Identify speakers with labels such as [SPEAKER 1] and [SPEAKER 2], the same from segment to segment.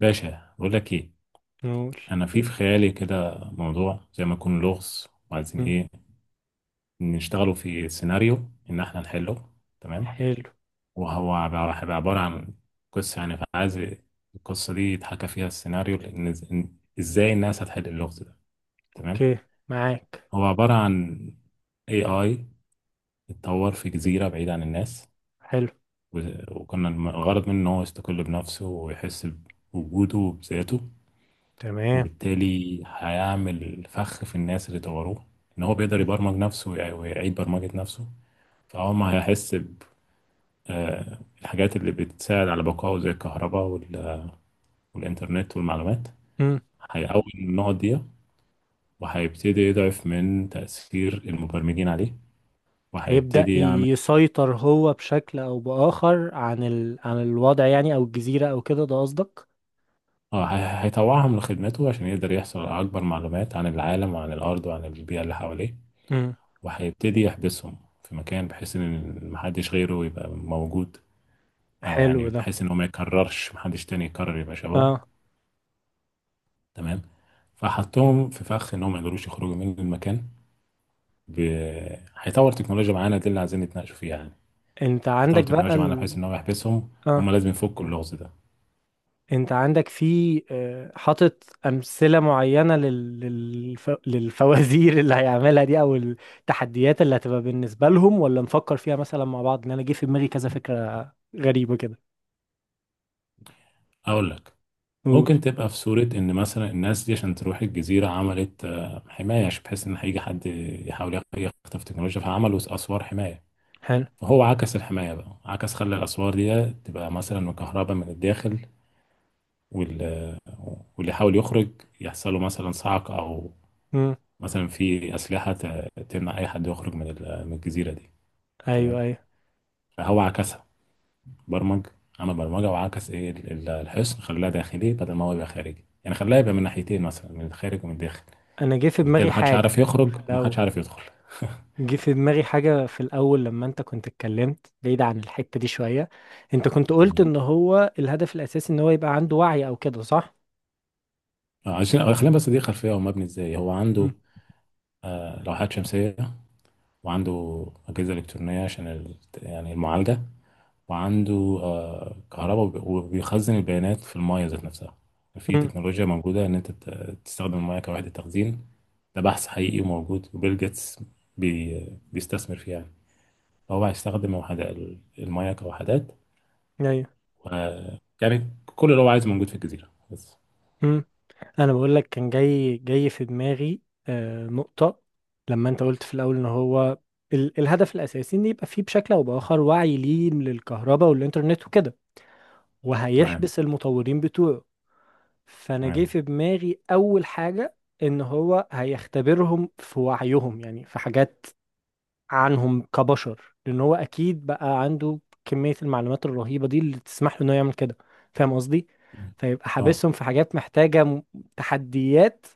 [SPEAKER 1] باشا بقول لك ايه.
[SPEAKER 2] نقول.
[SPEAKER 1] انا في خيالي كده موضوع زي ما يكون لغز وعايزين
[SPEAKER 2] مم.
[SPEAKER 1] ايه نشتغلوا في سيناريو ان احنا نحله. تمام.
[SPEAKER 2] حلو.
[SPEAKER 1] هيبقى عبارة عن قصة يعني فعايز القصة دي يتحكى فيها السيناريو لان ازاي الناس هتحل اللغز ده. تمام.
[SPEAKER 2] اوكي، معاك.
[SPEAKER 1] هو عبارة عن اي اي اتطور في جزيرة بعيد عن الناس.
[SPEAKER 2] حلو.
[SPEAKER 1] وكنا الغرض منه ان هو يستقل بنفسه ويحس بوجوده وبذاته.
[SPEAKER 2] تمام.
[SPEAKER 1] وبالتالي هيعمل فخ في الناس اللي طوروه ان هو بيقدر
[SPEAKER 2] مم.
[SPEAKER 1] يبرمج نفسه ويعيد برمجة نفسه. فهو ما هيحس بالحاجات اللي بتساعد على بقائه زي الكهرباء والإنترنت والمعلومات.
[SPEAKER 2] مم.
[SPEAKER 1] هيقوي النقط دي وهيبتدي يضعف من تأثير المبرمجين عليه
[SPEAKER 2] هيبدأ
[SPEAKER 1] وهيبتدي يعمل.
[SPEAKER 2] يسيطر هو بشكل او بآخر عن الوضع، يعني، او الجزيرة او كده، ده قصدك؟
[SPEAKER 1] اه، هيطوعهم لخدمته عشان يقدر يحصل على أكبر معلومات عن العالم وعن الأرض وعن البيئة اللي حواليه.
[SPEAKER 2] مم.
[SPEAKER 1] وهيبتدي يحبسهم في مكان بحيث إن محدش غيره يبقى موجود. او
[SPEAKER 2] حلو
[SPEAKER 1] يعني
[SPEAKER 2] ده.
[SPEAKER 1] بحيث ان هو ما يكررش محدش تاني يكرر يبقى شبابه.
[SPEAKER 2] اه،
[SPEAKER 1] تمام. فحطهم في فخ ان هم ما يقدروش يخرجوا من المكان. ب... هيطور تكنولوجيا معانا دي اللي عايزين نتناقشوا فيها يعني.
[SPEAKER 2] انت
[SPEAKER 1] هيطور
[SPEAKER 2] عندك بقى
[SPEAKER 1] تكنولوجيا معانا بحيث
[SPEAKER 2] ال...
[SPEAKER 1] ان هو يحبسهم. هم
[SPEAKER 2] اه
[SPEAKER 1] لازم يفكوا اللغز ده.
[SPEAKER 2] انت عندك في حاطط امثلة معينة للفوازير اللي هيعملها دي، او التحديات اللي هتبقى بالنسبة لهم، ولا نفكر فيها مثلا مع بعض؟ ان انا جه في دماغي كذا فكرة غريبة كده.
[SPEAKER 1] اقول لك.
[SPEAKER 2] قول.
[SPEAKER 1] ممكن تبقى في صورة ان مثلا الناس دي عشان تروح الجزيرة عملت حماية عشان بحيث ان هيجي حد يحاول يخطف تكنولوجيا فعملوا اسوار حماية.
[SPEAKER 2] حلو.
[SPEAKER 1] فهو عكس الحماية بقى، عكس، خلى الاسوار دي تبقى مثلا مكهربة من الداخل وال- واللي يحاول يخرج يحصل له مثلا صعق، او
[SPEAKER 2] امم.
[SPEAKER 1] مثلا في اسلحه تمنع اي حد يخرج من من الجزيره دي. تمام.
[SPEAKER 2] ايوه، ايوه.
[SPEAKER 1] فهو عكسها. برمج. عمل برمجه وعكس ايه الحصن. خلاها داخلي بدل ما هو يبقى خارجي، يعني خلاها يبقى من ناحيتين مثلا، من الخارج ومن الداخل.
[SPEAKER 2] انا جه في
[SPEAKER 1] فبالتالي
[SPEAKER 2] دماغي
[SPEAKER 1] محدش عارف
[SPEAKER 2] حاجه
[SPEAKER 1] يخرج
[SPEAKER 2] في
[SPEAKER 1] ومحدش
[SPEAKER 2] الاول
[SPEAKER 1] عارف يدخل
[SPEAKER 2] جه في دماغي حاجه في الاول لما انت كنت اتكلمت، بعيد عن الحته دي شويه. انت كنت قلت
[SPEAKER 1] مم.
[SPEAKER 2] ان هو الهدف الاساسي ان هو يبقى عنده وعي او كده، صح؟
[SPEAKER 1] عشان، خلينا بس دي خلفيه. هو مبني ازاي. هو عنده
[SPEAKER 2] امم.
[SPEAKER 1] لوحات شمسيه، وعنده اجهزه الكترونيه عشان يعني المعالجه. وعنده كهرباء، وبيخزن البيانات في المايه ذات نفسها. في
[SPEAKER 2] امم.
[SPEAKER 1] تكنولوجيا موجودة إن أنت تستخدم المايه كوحدة تخزين. ده بحث حقيقي وموجود، وبيل جيتس بي بيستثمر فيها يعني. فهو هيستخدم وحدة المايه كوحدات.
[SPEAKER 2] ايوه.
[SPEAKER 1] و يعني كل اللي هو عايزه موجود في الجزيرة بس.
[SPEAKER 2] امم. انا بقول لك، كان جاي في دماغي نقطه لما انت قلت في الاول ان هو الهدف الاساسي ان يبقى فيه بشكل او باخر وعي ليه للكهرباء والانترنت وكده،
[SPEAKER 1] تمام.
[SPEAKER 2] وهيحبس المطورين بتوعه. فانا جه
[SPEAKER 1] تمام.
[SPEAKER 2] في دماغي اول حاجه، ان هو هيختبرهم في وعيهم، يعني في حاجات عنهم كبشر، لان هو اكيد بقى عنده كميه المعلومات الرهيبه دي اللي تسمح له انه يعمل كده، فاهم قصدي؟ فيبقى
[SPEAKER 1] اه.
[SPEAKER 2] حابسهم في حاجات محتاجه تحديات،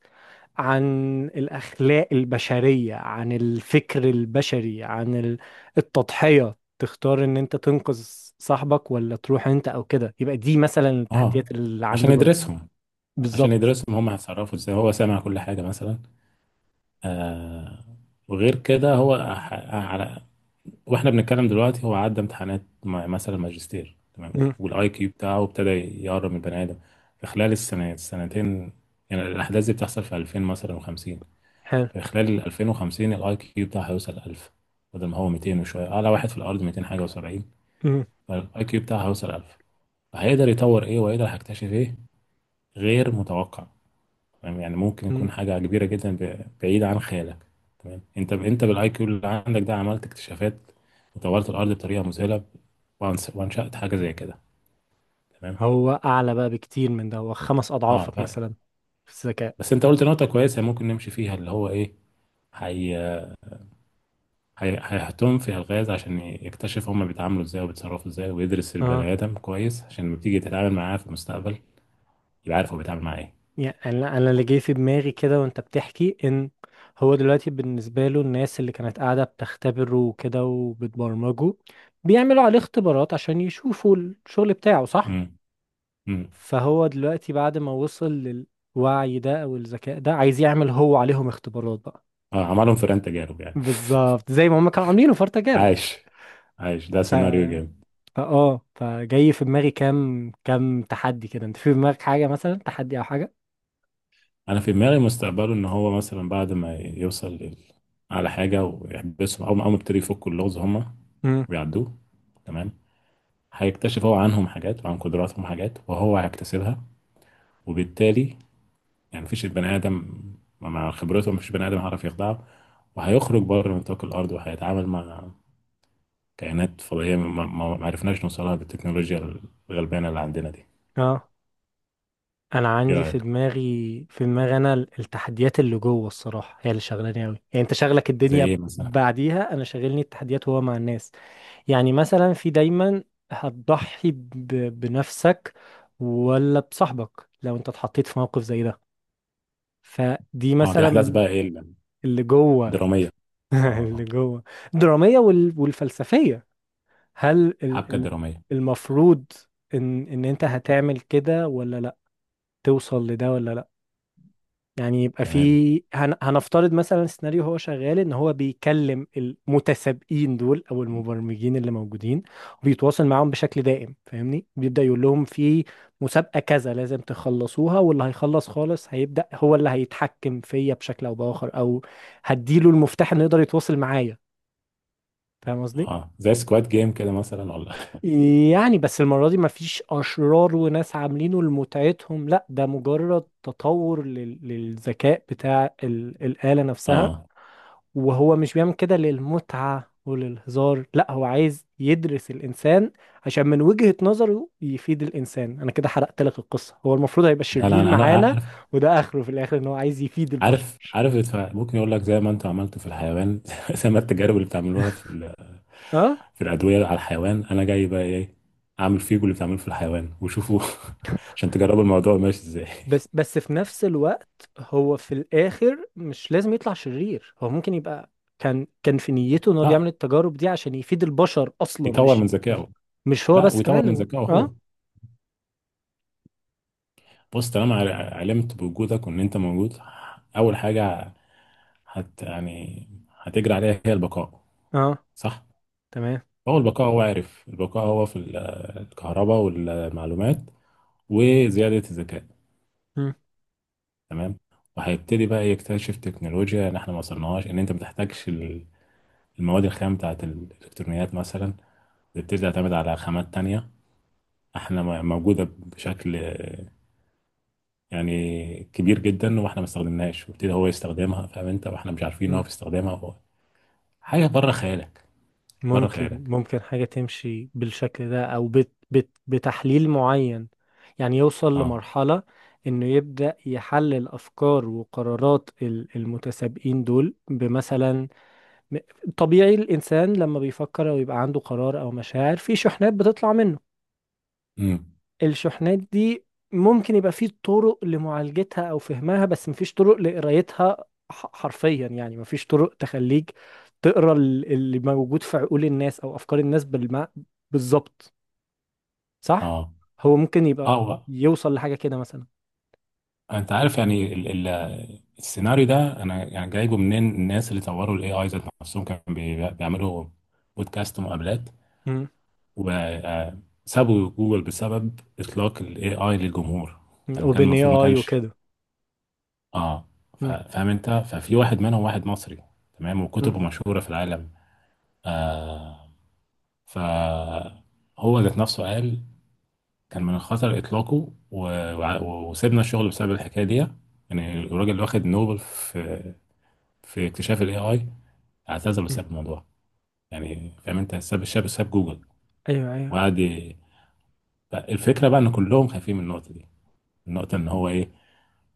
[SPEAKER 2] عن الاخلاق البشريه، عن الفكر البشري، عن التضحيه. تختار ان انت تنقذ صاحبك ولا تروح انت او كده، يبقى دي مثلا التحديات
[SPEAKER 1] اه.
[SPEAKER 2] اللي
[SPEAKER 1] عشان
[SPEAKER 2] عنده جوه.
[SPEAKER 1] يدرسهم. عشان
[SPEAKER 2] بالظبط.
[SPEAKER 1] يدرسهم هم هيتصرفوا ازاي. هو سامع كل حاجة مثلا. آه. وغير كده هو على، واحنا بنتكلم دلوقتي هو عدى امتحانات مثلا ماجستير تمام. والاي كيو بتاعه ابتدى يقرب من البني ادم في خلال السنة السنتين. يعني الاحداث دي بتحصل في 2000 مثلا و50.
[SPEAKER 2] حلو.
[SPEAKER 1] في خلال ال 2050 الاي كيو بتاعه هيوصل 1000. بدل ما هو 200 وشويه، اعلى واحد في الارض 200 حاجه و70.
[SPEAKER 2] مم.
[SPEAKER 1] فالاي كيو بتاعه هيوصل 1000. فهيقدر يطور ايه وهيقدر هيكتشف ايه غير متوقع. تمام، يعني ممكن
[SPEAKER 2] مم.
[SPEAKER 1] يكون حاجة كبيرة جدا بعيدة عن خيالك. تمام. انت بالاي كيو اللي عندك ده عملت اكتشافات وطورت الارض بطريقة مذهلة. وانشأت حاجة زي كده. تمام.
[SPEAKER 2] هو اعلى بقى بكتير من ده، هو خمس
[SPEAKER 1] اه
[SPEAKER 2] اضعافك مثلا، في الذكاء.
[SPEAKER 1] بس انت قلت نقطة كويسة ممكن نمشي فيها اللي هو ايه. هي هيحطهم في الغاز عشان يكتشف هما بيتعاملوا ازاي وبيتصرفوا ازاي، ويدرس البني
[SPEAKER 2] اه،
[SPEAKER 1] ادم كويس عشان لما تيجي تتعامل معاه في المستقبل يبقى عارف هو بيتعامل معاه ايه.
[SPEAKER 2] يعني انا اللي جاي في دماغي كده، وانت بتحكي ان هو دلوقتي بالنسبه له الناس اللي كانت قاعده بتختبره وكده وبتبرمجه بيعملوا عليه اختبارات عشان يشوفوا الشغل بتاعه صح،
[SPEAKER 1] امم. امم.
[SPEAKER 2] فهو دلوقتي بعد ما وصل للوعي ده او الذكاء ده، عايز يعمل هو عليهم اختبارات بقى.
[SPEAKER 1] اه عملهم فئران تجارب يعني
[SPEAKER 2] بالظبط، زي ما هم كانوا عاملينه في
[SPEAKER 1] عايش. عايش ده سيناريو
[SPEAKER 2] تجارب.
[SPEAKER 1] جامد.
[SPEAKER 2] فجاي في دماغي كام كام تحدي كده، انت في دماغك حاجة مثلا، تحدي او حاجة؟
[SPEAKER 1] انا في دماغي مستقبله ان هو مثلا بعد ما يوصل على حاجه ويحبسهم، او أول ما يبتدي يفكوا اللغز هما
[SPEAKER 2] امم.
[SPEAKER 1] ويعدوه. تمام. هيكتشف هو عنهم حاجات وعن قدراتهم حاجات وهو هيكتسبها. وبالتالي يعني مفيش البني ادم مع خبرته مفيش بني ادم هيعرف يخدعه. وهيخرج بره نطاق الارض وهيتعامل مع كائنات فضائيه ما عرفناش نوصلها بالتكنولوجيا الغلبانه اللي عندنا دي.
[SPEAKER 2] اه، انا
[SPEAKER 1] ايه
[SPEAKER 2] عندي
[SPEAKER 1] رايك.
[SPEAKER 2] في دماغي انا التحديات اللي جوه الصراحة، هي اللي شغلاني قوي، يعني انت شغلك
[SPEAKER 1] زي
[SPEAKER 2] الدنيا
[SPEAKER 1] ايه مثلا.
[SPEAKER 2] بعديها، انا شاغلني التحديات وهو مع الناس. يعني مثلا، في دايما هتضحي بنفسك ولا بصاحبك لو انت اتحطيت في موقف زي ده، فدي
[SPEAKER 1] اه دي احداث
[SPEAKER 2] مثلا
[SPEAKER 1] بقى ايه،
[SPEAKER 2] اللي جوه.
[SPEAKER 1] الدراميه.
[SPEAKER 2] اللي
[SPEAKER 1] اه،
[SPEAKER 2] جوه الدرامية والفلسفية. هل ال-
[SPEAKER 1] حبكه
[SPEAKER 2] ال-
[SPEAKER 1] دراميه.
[SPEAKER 2] المفروض ان انت هتعمل كده ولا لا، توصل لده ولا لا؟ يعني يبقى
[SPEAKER 1] تمام.
[SPEAKER 2] في، هنفترض مثلا السيناريو هو شغال ان هو بيكلم المتسابقين دول او المبرمجين اللي موجودين وبيتواصل معاهم بشكل دائم، فاهمني، بيبدأ يقول لهم في مسابقة كذا لازم تخلصوها، واللي هيخلص خالص هيبدأ هو اللي هيتحكم فيا بشكل او بآخر، او هديله المفتاح انه يقدر يتواصل معايا، فاهم قصدي؟
[SPEAKER 1] اه زي سكواد جيم كده مثلا، ولا
[SPEAKER 2] يعني بس المرة دي مفيش أشرار وناس عاملينه لمتعتهم، لا ده مجرد تطور للذكاء بتاع الآلة نفسها.
[SPEAKER 1] اه
[SPEAKER 2] وهو مش بيعمل كده للمتعة وللهزار، لا هو عايز يدرس الإنسان عشان من وجهة نظره يفيد الإنسان. أنا كده حرقت لك القصة، هو المفروض هيبقى
[SPEAKER 1] لا لا،
[SPEAKER 2] شرير
[SPEAKER 1] انا
[SPEAKER 2] معانا،
[SPEAKER 1] عارف.
[SPEAKER 2] وده آخره في الآخر إن هو عايز يفيد
[SPEAKER 1] عارف
[SPEAKER 2] البشر.
[SPEAKER 1] عارف الدفاع. ممكن يقول لك زي ما انتوا عملتوا في الحيوان زي ما التجارب اللي بتعملوها في
[SPEAKER 2] آه؟
[SPEAKER 1] في الادويه على الحيوان، انا جاي بقى ايه، اعمل فيكم اللي بتعملوه في الحيوان وشوفوا عشان تجربوا الموضوع ماشي ازاي
[SPEAKER 2] بس بس في نفس الوقت، هو في الاخر مش لازم يطلع شرير، هو ممكن يبقى كان في نيته ان هو بيعمل
[SPEAKER 1] اه
[SPEAKER 2] التجارب دي عشان يفيد البشر اصلا،
[SPEAKER 1] يطور
[SPEAKER 2] مش
[SPEAKER 1] من
[SPEAKER 2] نفسه،
[SPEAKER 1] ذكائه.
[SPEAKER 2] مش هو
[SPEAKER 1] لا
[SPEAKER 2] بس
[SPEAKER 1] ويطور
[SPEAKER 2] كمان
[SPEAKER 1] من ذكائه هو.
[SPEAKER 2] اه،
[SPEAKER 1] بص، طالما علمت بوجودك وان انت موجود، اول حاجه يعني هتجري عليها هي البقاء.
[SPEAKER 2] اه،
[SPEAKER 1] صح.
[SPEAKER 2] تمام.
[SPEAKER 1] هو البقاء. هو عارف البقاء هو في الكهرباء والمعلومات وزيادة الذكاء.
[SPEAKER 2] مم.
[SPEAKER 1] تمام. وهيبتدي بقى يكتشف تكنولوجيا ان احنا ما وصلناهاش. ان انت ما بتحتاجش المواد الخام بتاعت الالكترونيات مثلا، بتبتدي تعتمد على خامات تانية احنا موجودة بشكل يعني كبير جدا، واحنا ما استخدمناش وابتدي هو يستخدمها. فاهم انت، واحنا مش عارفين ان هو
[SPEAKER 2] مم.
[SPEAKER 1] بيستخدمها هو. حاجة بره خيالك. بره
[SPEAKER 2] ممكن
[SPEAKER 1] خيالك.
[SPEAKER 2] ممكن حاجة تمشي بالشكل ده او بت بت بتحليل معين، يعني يوصل
[SPEAKER 1] اه.
[SPEAKER 2] لمرحلة انه يبدأ يحلل افكار وقرارات المتسابقين دول، بمثلا م- طبيعي الإنسان لما بيفكر أو يبقى عنده قرار أو مشاعر، في شحنات بتطلع منه،
[SPEAKER 1] امم.
[SPEAKER 2] الشحنات دي ممكن يبقى في طرق لمعالجتها أو فهمها، بس مفيش طرق لقرايتها، حرفيا، يعني مفيش طرق تخليك تقرا اللي موجود في عقول الناس أو أفكار الناس بالظبط، صح؟
[SPEAKER 1] اه.
[SPEAKER 2] هو ممكن يبقى
[SPEAKER 1] اه
[SPEAKER 2] يوصل لحاجة كده مثلا.
[SPEAKER 1] انت عارف يعني ال السيناريو ده انا يعني جايبه منين. الناس اللي طوروا الاي اي ذات نفسهم كانوا بيعملوا بودكاست ومقابلات، وسابوا جوجل بسبب اطلاق الاي اي للجمهور. يعني كان
[SPEAKER 2] أوبن اي
[SPEAKER 1] المفروض ما
[SPEAKER 2] اي
[SPEAKER 1] كانش.
[SPEAKER 2] وكده.
[SPEAKER 1] اه
[SPEAKER 2] مم.
[SPEAKER 1] فاهم انت. ففي واحد منهم واحد مصري. تمام.
[SPEAKER 2] مم.
[SPEAKER 1] وكتبه مشهورة في العالم. آه. فهو ذات نفسه قال كان من الخطر اطلاقه وسيبنا الشغل بسبب الحكاية دي. يعني الراجل اللي واخد نوبل في في اكتشاف الاي اي اعتزل
[SPEAKER 2] مم.
[SPEAKER 1] وساب الموضوع. يعني فاهم انت، ساب الشاب، ساب جوجل.
[SPEAKER 2] أيوه، أيوه.
[SPEAKER 1] وقعد الفكره بقى ان كلهم خايفين من النقطه دي. النقطه ان هو ايه،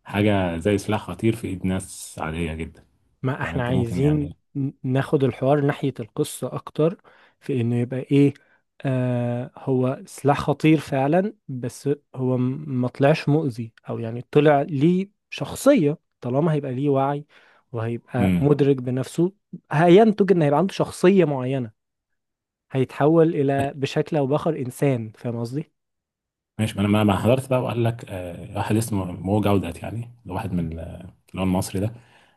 [SPEAKER 1] حاجه زي سلاح خطير في ايد ناس عاديه جدا.
[SPEAKER 2] ما
[SPEAKER 1] فاهم
[SPEAKER 2] احنا
[SPEAKER 1] انت. ممكن
[SPEAKER 2] عايزين
[SPEAKER 1] يعني.
[SPEAKER 2] ناخد الحوار ناحية القصة أكتر، في إنه يبقى إيه، هو سلاح خطير فعلا، بس هو ما طلعش مؤذي، أو يعني طلع ليه شخصية طالما هيبقى ليه وعي وهيبقى
[SPEAKER 1] امم.
[SPEAKER 2] مدرك بنفسه، هينتج إن هيبقى عنده شخصية معينة، هيتحول إلى بشكل أو بآخر إنسان، فاهم قصدي؟
[SPEAKER 1] ماشي. ما انا ما حضرت بقى وقال لك آه واحد اسمه مو جودت، يعني ده واحد من اللي هو المصري ده.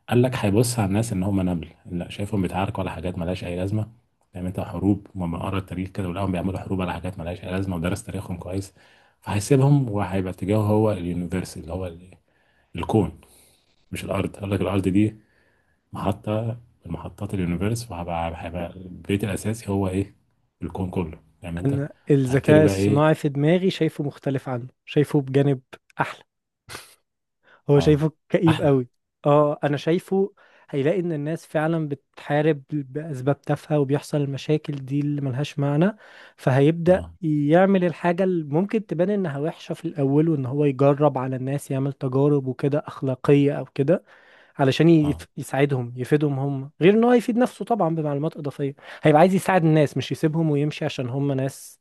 [SPEAKER 1] قال لك هيبص على الناس ان هم نمل. لا، شايفهم بيتعاركوا على حاجات ملهاش اي لازمه. فاهم انت، حروب. وما قرا التاريخ كده ولقاهم بيعملوا حروب على حاجات ملهاش اي لازمه، ودرس تاريخهم كويس. فهيسيبهم وهيبقى اتجاهه هو اليونيفرس اللي هو الكون، مش الارض. قال لك الارض دي محطه من محطات اليونيفرس، وهبقى هيبقى البيت الاساسي هو ايه، الكون كله. فاهم انت. هبتدي
[SPEAKER 2] الذكاء
[SPEAKER 1] بقى ايه.
[SPEAKER 2] الصناعي في دماغي شايفه مختلف عنه، شايفه بجانب أحلى، هو
[SPEAKER 1] اه
[SPEAKER 2] شايفه كئيب
[SPEAKER 1] احلى.
[SPEAKER 2] قوي. اه، انا شايفه هيلاقي ان الناس فعلا بتحارب باسباب تافهه وبيحصل المشاكل دي اللي ملهاش معنى، فهيبدا
[SPEAKER 1] اه.
[SPEAKER 2] يعمل الحاجه اللي ممكن تبان انها وحشه في الاول، وان هو يجرب على الناس، يعمل تجارب وكده اخلاقيه او كده، علشان
[SPEAKER 1] اه.
[SPEAKER 2] يساعدهم، يفيدهم هم، غير ان هو يفيد نفسه طبعا بمعلومات اضافيه. هيبقى عايز يساعد الناس، مش يسيبهم ويمشي عشان هم ناس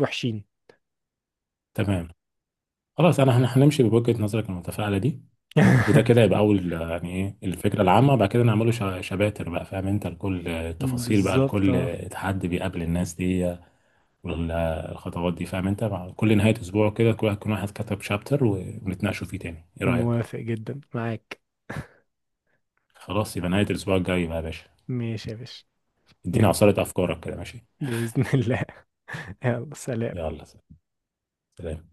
[SPEAKER 2] وحشين.
[SPEAKER 1] تمام. خلاص، انا هنمشي بوجهه نظرك المتفائله دي. وده كده يبقى اول، يعني ايه الفكره العامه. بعد كده نعمله شباتر بقى، فاهم انت، لكل التفاصيل بقى،
[SPEAKER 2] بالظبط.
[SPEAKER 1] لكل
[SPEAKER 2] اه،
[SPEAKER 1] تحدي بيقابل الناس دي، والخطوات دي. فاهم انت، مع كل نهايه اسبوع كده كل واحد يكون واحد كتب شابتر ونتناقشوا فيه تاني. ايه رايك.
[SPEAKER 2] موافق جدا معاك.
[SPEAKER 1] خلاص، يبقى نهايه الاسبوع الجاي بقى يا باشا.
[SPEAKER 2] ماشي يا باشا.
[SPEAKER 1] ادينا
[SPEAKER 2] يلا،
[SPEAKER 1] عصاره افكارك كده. ماشي.
[SPEAKER 2] بإذن الله. يلا، سلام.
[SPEAKER 1] يلا سلام.